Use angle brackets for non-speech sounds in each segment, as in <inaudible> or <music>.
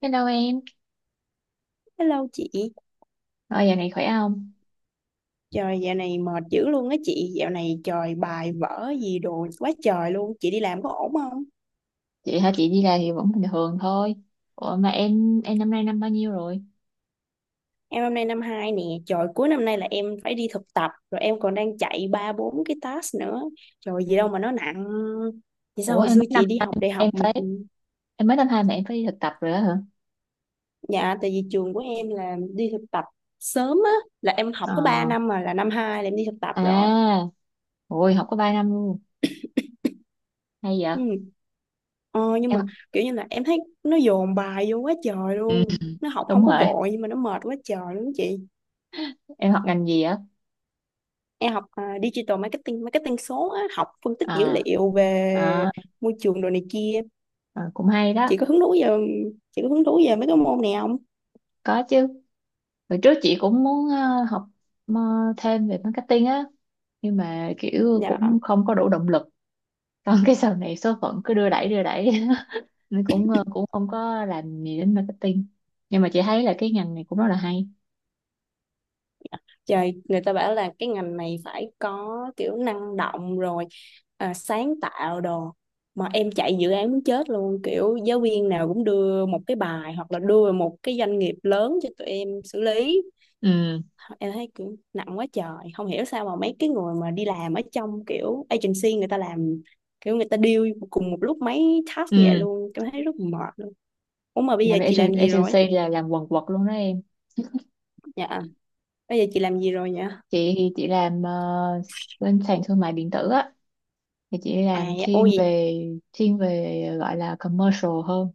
Hello em, Hello chị, rồi giờ này khỏe không? trời dạo này mệt dữ luôn á chị, dạo này trời bài vở gì đồ quá trời luôn, chị đi làm có ổn không? Chị hả? Chị đi làm thì vẫn bình thường thôi. Ủa mà em năm nay năm bao nhiêu rồi? Em hôm nay năm 2 nè, trời cuối năm nay là em phải đi thực tập, rồi em còn đang chạy ba bốn cái task nữa, trời gì đâu mà nó nặng. Vậy sao Ủa, hồi em xưa mới năm chị đi học đại học em mà, phải chị- em mới năm 2 mà em phải đi thực tập rồi đó hả? dạ tại vì trường của em là đi thực tập sớm á, là em học Ờ, có 3 năm mà là năm 2 là em đi thực tập rồi. à, ôi học có 3 năm luôn. Hay vậy? Ừ. Ờ, nhưng Em mà học- kiểu như là em thấy nó dồn bài vô quá trời ừ, luôn, nó học không đúng có rồi. vội nhưng mà nó mệt quá trời luôn chị. Em học ngành gì á? Em học digital marketing marketing số á, học phân tích dữ Ờ, liệu về à, môi trường đồ này kia. cũng hay Chị đó. có hứng thú về chị có hứng thú về mấy cái môn này không? Có chứ. Hồi trước chị cũng muốn học ờ, thêm về marketing á, nhưng mà kiểu Dạ. cũng không có đủ động lực. Còn cái sau này số phận cứ đưa đẩy đưa đẩy. <laughs> Nên cũng cũng không có làm gì đến marketing, nhưng mà chị thấy là cái ngành này cũng rất là hay. Trời, người ta bảo là cái ngành này phải có kiểu năng động rồi sáng tạo đồ, mà em chạy dự án muốn chết luôn, kiểu giáo viên nào cũng đưa một cái bài hoặc là đưa một cái doanh nghiệp lớn cho tụi em xử lý. Ừ, Em thấy kiểu nặng quá trời, không hiểu sao mà mấy cái người mà đi làm ở trong kiểu agency người ta làm kiểu người ta deal cùng một lúc mấy task như vậy ừ. luôn, em thấy rất mệt luôn. Ủa mà bây giờ chị làm gì rồi? Agency là làm quần quật luôn đó em. Dạ, bây giờ chị làm gì rồi vậy? Chị thì chị làm bên sàn thương mại điện tử á, thì chị À, làm dạ, thiên ôi về thiên về gọi là commercial hơn.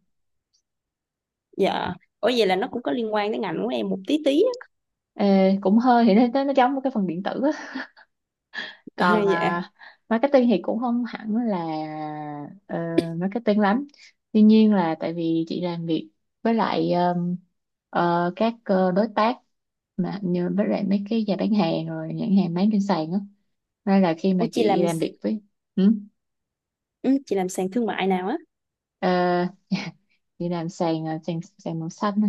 dạ, ủa vậy là nó cũng có liên quan đến ngành của em một tí tí á. Ê, cũng hơi thì nó giống một cái phần điện tử á. <laughs> Còn Dạ. à, marketing thì cũng không hẳn là ờ, marketing lắm, tuy nhiên là tại vì chị làm việc với lại các đối tác, mà như với lại mấy cái nhà bán hàng rồi nhãn hàng bán trên sàn á, nên là khi Ô mà chị chị làm, làm việc với ừ, ừ, chị làm sàn thương mại nào á? ờ, <laughs> chị làm sàn sàn sàn màu xanh.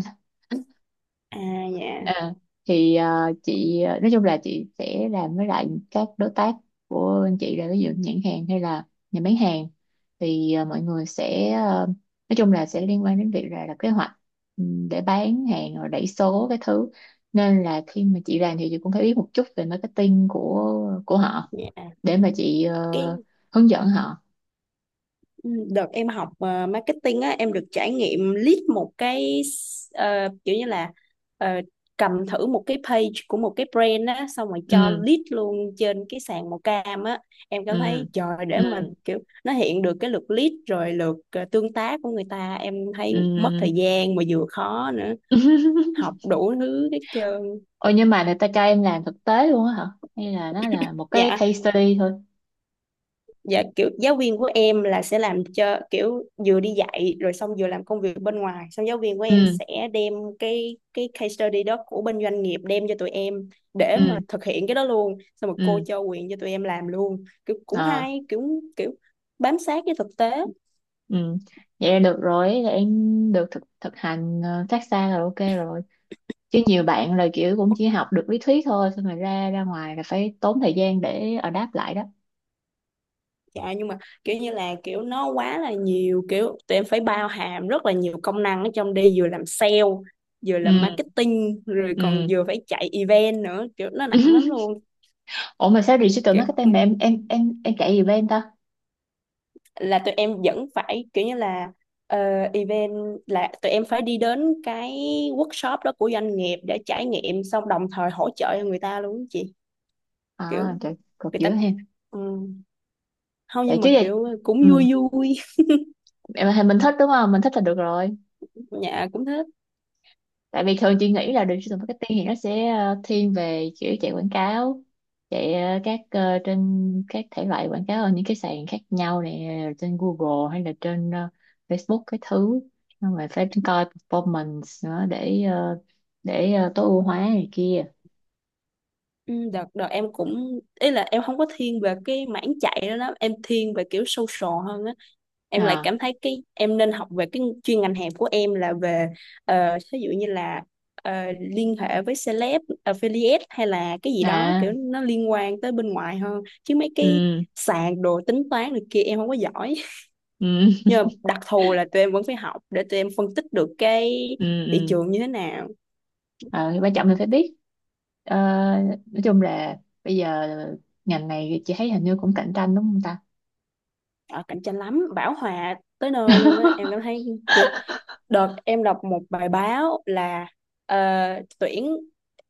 À, dạ À, thì à, chị, à, nói chung là chị sẽ làm với lại các đối tác của anh chị, là ví dụ nhãn hàng hay là nhà bán hàng, thì à, mọi người sẽ, à, nói chung là sẽ liên quan đến việc là kế hoạch, ừ, để bán hàng rồi đẩy số cái thứ, nên là khi mà chị làm thì chị cũng phải biết một chút về marketing của họ, dạ, để mà chị cái, hướng dẫn họ. ừ, đợt em học marketing á em được trải nghiệm lead một cái kiểu như là, ờ, cầm thử một cái page của một cái brand á xong rồi cho Ừ, lead luôn trên cái sàn màu cam á. Em cảm ừ, thấy trời, ừ, để mà kiểu nó hiện được cái lượt lead rồi lượt tương tác của người ta em thấy mất thời gian mà vừa khó nữa, ừ. <laughs> học đủ thứ hết trơn. Ôi, nhưng mà người ta cho em làm thực tế luôn á hả? Hay là nó là một cái Dạ, case study thôi? dạ kiểu giáo viên của em là sẽ làm cho kiểu vừa đi dạy rồi xong vừa làm công việc bên ngoài, xong giáo viên của em Ừ, sẽ đem cái case study đó của bên doanh nghiệp đem cho tụi em để mà ừ, thực hiện cái đó luôn, xong rồi cô ừ, cho quyền cho tụi em làm luôn. Kiểu cũng à, hay, kiểu kiểu bám sát cái thực tế. ừ. Vậy là được rồi, là em được thực thực hành phát xa là ok rồi. Chứ nhiều bạn là kiểu cũng Ủa, chỉ học được lý thuyết thôi, xong rồi ra ra ngoài là phải tốn thời gian để adapt lại đó. dạ nhưng mà kiểu như là kiểu nó quá là nhiều, kiểu tụi em phải bao hàm rất là nhiều công năng ở trong đi, vừa làm sale vừa Ừ, làm marketing rồi còn ừ. vừa phải chạy event nữa, kiểu nó nặng lắm <laughs> luôn. Ủa mà sao digital Kiểu marketing mà em chạy gì bên ta? là tụi em vẫn phải kiểu như là, ờ, event là tụi em phải đi đến cái workshop đó của doanh nghiệp để trải nghiệm xong đồng thời hỗ trợ cho người ta luôn á chị. Kiểu À, trời, cột người giữa ta, em. ừ. Không, Tại nhưng mà trước giờ, kiểu cũng ừ, vui vui. Mình thích đúng không? Mình thích là được rồi. <laughs> Nhà cũng thế. Tại vì thường chị nghĩ là digital marketing thì nó sẽ thiên về kiểu chạy quảng cáo, chạy các trên các thể loại quảng cáo ở những cái sàn khác nhau nè, trên Google hay là trên Facebook cái thứ, nhưng mà phải coi performance nữa để để tối ưu hóa này kia. Ừ, đợt đợt em cũng ý là em không có thiên về cái mảng chạy đó đó, em thiên về kiểu social hơn á. Em lại À, cảm thấy cái em nên học về cái chuyên ngành hẹp của em là về, ví dụ như là, ờ, liên hệ với celeb affiliate hay là cái gì đó à, kiểu nó liên quan tới bên ngoài hơn, chứ mấy cái ừ, sàn đồ tính toán này kia em không có giỏi. <laughs> ừ, Nhưng mà đặc thù là tụi em vẫn phải học để tụi em phân tích được cái ừ, thị ừ. trường như thế nào. Ờ, thì quan trọng mình phải biết. Ờ, nói chung là bây giờ ngành này chị thấy hình như cũng cạnh tranh đúng không ta. Ờ, cạnh tranh lắm, bão hòa tới nơi luôn á em cảm <laughs> thấy. Đợt em đọc một bài báo là ờ, tuyển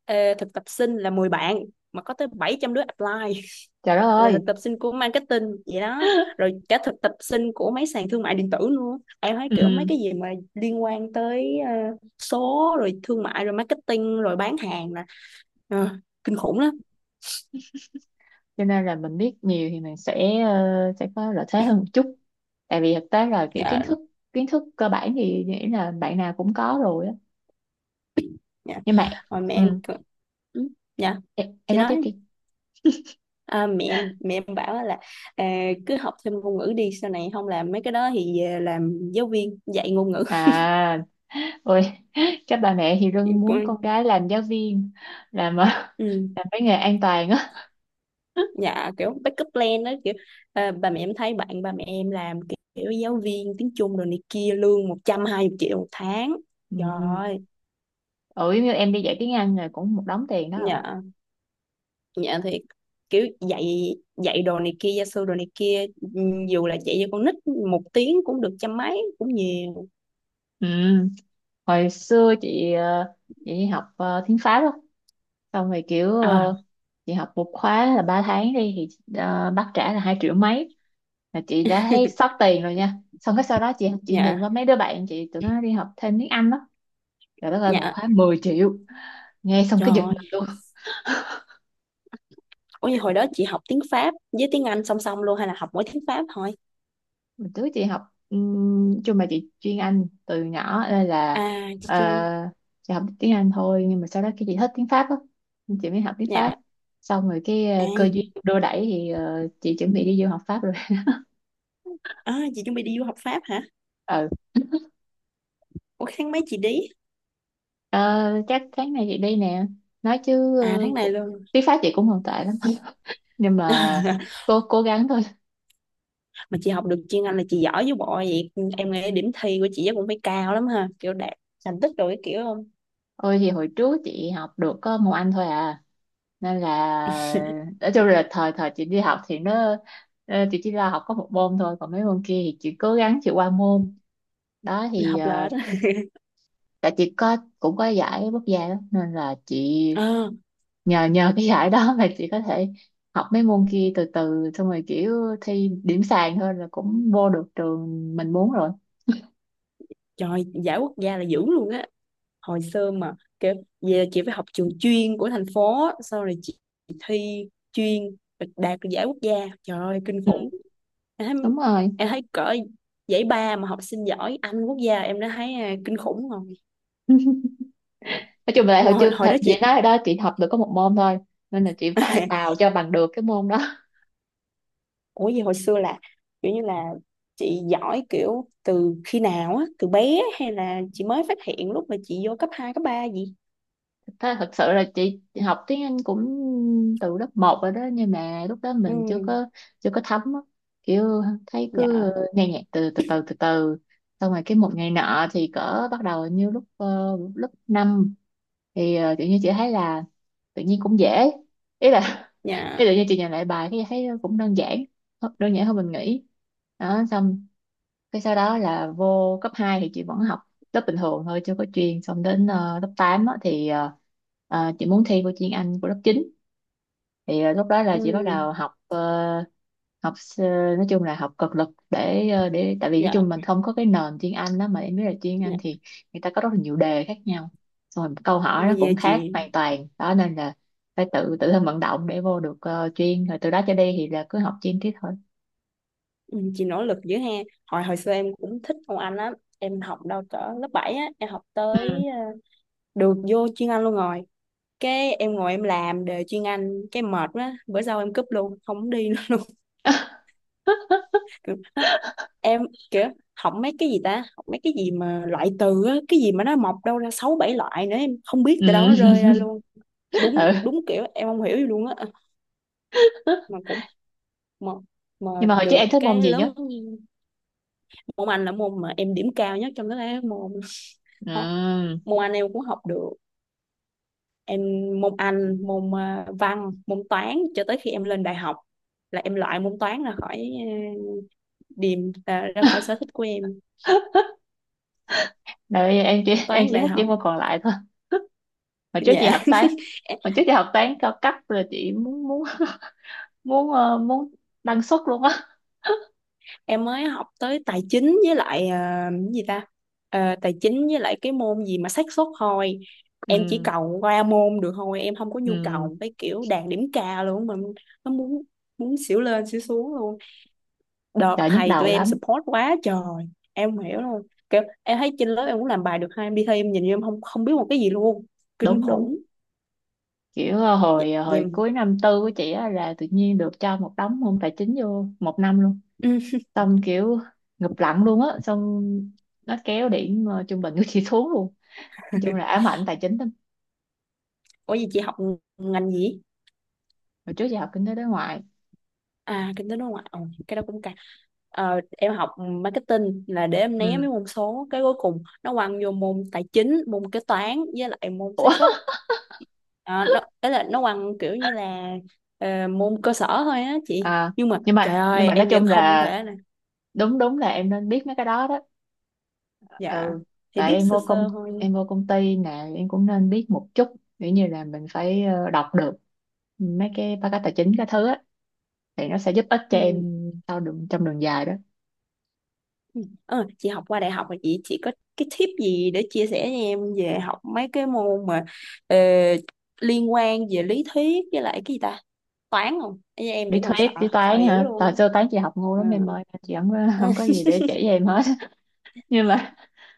thực tập sinh là 10 bạn mà có tới 700 đứa apply. <laughs> Trời đất Là ơi. thực tập sinh của marketing vậy đó, rồi cả thực tập sinh của mấy sàn thương mại điện tử luôn, em thấy kiểu mấy Ừ. cái gì mà liên quan tới số rồi thương mại rồi marketing rồi bán hàng là, ờ, kinh khủng lắm. Cho nên là mình biết nhiều thì mình sẽ sẽ có lợi thế hơn một chút. Tại vì thực tế là kiểu kiến Dạ. thức kiến thức cơ bản thì nghĩ là bạn nào cũng có rồi á. Dạ. Nhưng mà, Rồi mẹ em ừ. cứ- ừ, dạ, Em chị nói tiếp nói. đi. À, mẹ em bảo là cứ học thêm ngôn ngữ đi, sau này không làm mấy cái đó thì về làm giáo viên dạy ngôn ngữ. <laughs> À, ôi, <laughs> các bà mẹ thì Em luôn muốn cũng- con cái làm giáo viên, làm <laughs> ừ. làm cái nghề an toàn á. <laughs> Dạ kiểu backup plan đó, kiểu bà mẹ em thấy bạn bà mẹ em làm kiểu giáo viên tiếng Trung rồi này kia lương 120 triệu một tháng, trời Ừ. ơi. Ừ, như em đi dạy tiếng Anh là cũng một đống tiền đó. Dạ. Dạ thiệt, kiểu dạy dạy đồ này kia, gia sư đồ này kia, ừ, dù là dạy cho con nít một tiếng cũng được trăm mấy cũng nhiều. Ừ. Hồi xưa chị đi học tiếng Pháp á, xong rồi kiểu À chị học một khóa là 3 tháng đi thì bác trả là 2 triệu mấy, là chị đã thấy sót tiền rồi nha. Xong cái sau đó chị nhìn dạ. qua mấy đứa bạn chị tụi nó đi học thêm tiếng Anh đó, rồi đất ơi một Dạ. khóa 10 triệu, nghe xong Trời cái giật ơi. mình luôn. Ủa như hồi đó chị học tiếng Pháp với tiếng Anh song song luôn hay là học mỗi tiếng Pháp thôi? Mình trước chị học chung mà chị chuyên Anh từ nhỏ nên là À chị ờ, chưa. chị học tiếng Anh thôi, nhưng mà sau đó cái chị thích tiếng Pháp á, nên chị mới học tiếng Pháp. Dạ. Xong rồi cái À, cơ duyên đưa đẩy thì chị chuẩn bị đi du học Pháp rồi. à chị chuẩn bị đi du học Pháp hả? <laughs> Ừ. Ủa tháng mấy chị đi? Ờ, chắc tháng này chị đi nè, nói chứ À tháng này luôn. tiếng Pháp chị cũng không tệ lắm <laughs> nhưng mà <laughs> cố cố gắng thôi. Mà chị học được chuyên Anh là chị giỏi với bộ vậy. Em nghĩ điểm thi của chị chắc cũng phải cao lắm ha. Kiểu đạt thành tích rồi cái kiểu không? Ôi thì hồi trước chị học được có một anh thôi à, nên là nói chung là thời thời chị đi học thì nó chị chỉ là học có một môn thôi, còn mấy môn kia thì chị cố gắng chị qua môn đó, thì Học lệch. <laughs> Á. tại chị có cũng có giải quốc gia đó, nên là chị Ờ, nhờ nhờ cái giải đó mà chị có thể học mấy môn kia từ từ, xong rồi kiểu thi điểm sàn thôi là cũng vô được trường mình muốn rồi. trời giải quốc gia là dữ luôn á. Hồi xưa mà kiểu, vậy là chị phải học trường chuyên của thành phố á, sau rồi chị thi chuyên đạt được giải quốc gia, trời ơi kinh Ừ. khủng. Em thấy, Đúng rồi. em thấy cỡ giải ba mà học sinh giỏi Anh quốc gia em đã thấy kinh khủng rồi. <laughs> Nói chung là Ông hồi hồi, trước hồi thật đó chị chị nói rồi đó, chị học được có một môn thôi, nên là chị phải bào <laughs> cho bằng được cái môn đó. <laughs> Ủa gì hồi xưa là kiểu như là, chị giỏi kiểu từ khi nào á, từ bé hay là chị mới phát hiện lúc mà chị vô cấp hai cấp ba gì? Thế thật sự là chị học tiếng Anh cũng từ lớp 1 rồi đó, nhưng mà lúc đó mình Ừ. Chưa có thấm á. Kiểu thấy cứ Dạ. nghe nhạc từ từ từ từ từ, xong rồi cái một ngày nọ thì cỡ bắt đầu, như lúc lớp 5 thì tự nhiên chị thấy là tự nhiên cũng dễ, ý là <laughs> Dạ. ý tự nhiên chị nhìn lại bài cái thấy cũng đơn giản, đơn giản hơn mình nghĩ đó. Xong cái sau đó là vô cấp 2 thì chị vẫn học lớp bình thường thôi, chưa có chuyên, xong đến lớp 8 á, thì chị muốn thi vô chuyên Anh của lớp 9, thì lúc đó là Ừ. chị bắt đầu học học s- nói chung là học cực lực để để tại vì nói Dạ. chung mình không có cái nền chuyên Anh đó, mà em biết là chuyên Anh Dạ. thì người ta có rất là nhiều đề khác nhau, xong rồi câu hỏi nó Thôi về cũng khác chị. hoàn toàn đó, nên là phải tự tự thân vận động để vô được chuyên, rồi từ đó trở đi thì là cứ học chuyên tiếp thôi. Ừ, chị nỗ lực dữ ha. Hồi hồi xưa em cũng thích môn Anh lắm, em học đâu cỡ lớp 7 á, em học tới Ừ. Được vô chuyên Anh luôn rồi, cái em ngồi em làm đề chuyên Anh cái mệt quá, bữa sau em cúp luôn không đi nữa luôn. <laughs> <laughs> Kiểu nó- em, kiểu học mấy cái gì ta, học mấy cái gì mà loại từ á, cái gì mà nó mọc đâu ra sáu bảy loại nữa em không biết từ đâu nó rơi Ừ. ra luôn. <laughs> Đúng Ừ. đúng, kiểu em không hiểu gì luôn á. Mà cũng, mà, mà Nhưng mà hồi trước được em thích môn cái gì nhất? lớn môn Anh là môn mà em điểm cao nhất trong tất cả các môn. <laughs> Ho- Ừ. môn Anh em cũng học được, em môn Anh môn văn môn toán cho tới khi em lên đại học là em loại môn toán ra khỏi điểm ra khỏi sở thích của em. Rồi em chỉ <laughs> em Toán chỉ đại thích những học. môn còn lại thôi. Hồi trước chị Dạ. học toán, <laughs> Em hồi trước chị học toán cao cấp rồi chị muốn muốn muốn ờ, muốn đăng xuất luôn á. mới học tới tài chính với lại cái gì ta, ờ, tài chính với lại cái môn gì mà xác suất thôi. Em chỉ Ừ, cầu qua môn được thôi, em không có nhu ừ, cầu cái kiểu đạt điểm cao luôn, mà nó muốn, muốn xỉu lên xỉu xuống luôn. Đợt trời nhức thầy đầu tụi em lắm. support quá trời em không hiểu luôn, kiểu em thấy trên lớp em cũng làm bài được hai em đi thi em nhìn như em không không biết một cái gì luôn, kinh Đúng đúng khủng. kiểu Vậy mà- hồi cuối năm 4 của chị á là tự nhiên được cho một đống môn tài chính vô một năm luôn, ừ. xong kiểu ngụp lặn luôn á, xong nó kéo điểm trung bình của chị <laughs> xuống luôn. Nói chung là <laughs> ám ảnh tài chính lắm. Ủa gì chị học ngành gì? Hồi trước giờ học kinh tế đối ngoại. À kinh tế đối ngoại. Ồ, cái đó cũng cả. Ờ, em học marketing là để em né Ừ. mấy môn số, cái cuối cùng nó quăng vô môn tài chính môn kế toán với lại môn Ủa? xác suất. Ờ, nó ấy là nó quăng kiểu như là môn cơ sở thôi á chị, À, nhưng mà trời nhưng ơi mà nói em vẫn chung không là thể nè. đúng đúng là em nên biết mấy cái đó đó. Dạ. Ừ. Thì tại biết sơ sơ thôi. em vô công ty nè em cũng nên biết một chút, kiểu như là mình phải đọc được mấy cái báo cáo tài chính cái thứ á, thì nó sẽ giúp ích cho Ừ. em sau đường trong đường dài đó. Ừ. Ờ, chị học qua đại học rồi chị có cái tip gì để chia sẻ cho em về học mấy cái môn mà ờ, liên quan về lý thuyết với lại cái gì ta, toán không? Ê, em Lý vẫn còn sợ, thuyết lý sợ toán dữ hả? Thời luôn xưa toán chị học ngu á. lắm em ơi, chị Ờ. không có gì để chỉ <laughs> cho em hết. <laughs> Nhưng mà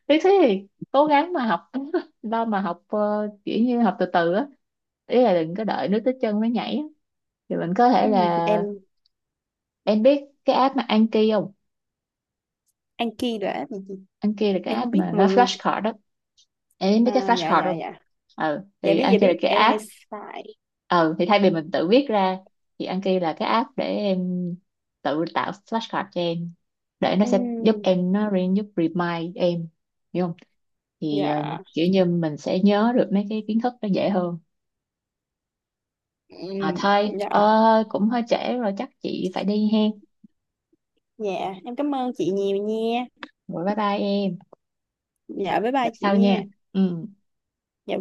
lý thuyết thì cố gắng mà học, <laughs> lo mà học kiểu như học từ từ á, ý là đừng có đợi nước tới chân mới nhảy á. Thì mình có thể Ừ, là em em biết cái app mà Anki không? ăn kiêng rồi á. Anh kia là cái Em không app biết mà nó mừng. flashcard đó. Em biết cái À, dạ flashcard dạ không? dạ. Ừ, Dạ thì biết, anh dạ kia là biết cái em hay app. xài. Ừ, thì thay vì mình tự viết ra thì anh kia là cái app để em tự tạo flashcard cho em, để nó sẽ giúp Ừ, em, nó giúp remind em, hiểu không? Thì dạ. Kiểu như mình sẽ nhớ được mấy cái kiến thức nó dễ hơn. Ừ, À thôi dạ. Cũng hơi trễ rồi chắc chị phải đi hen. Dạ em cảm ơn chị nhiều nha. Rồi bye bye em, Dạ bye gặp bye chị sau nha. nha. Ừ. Dạ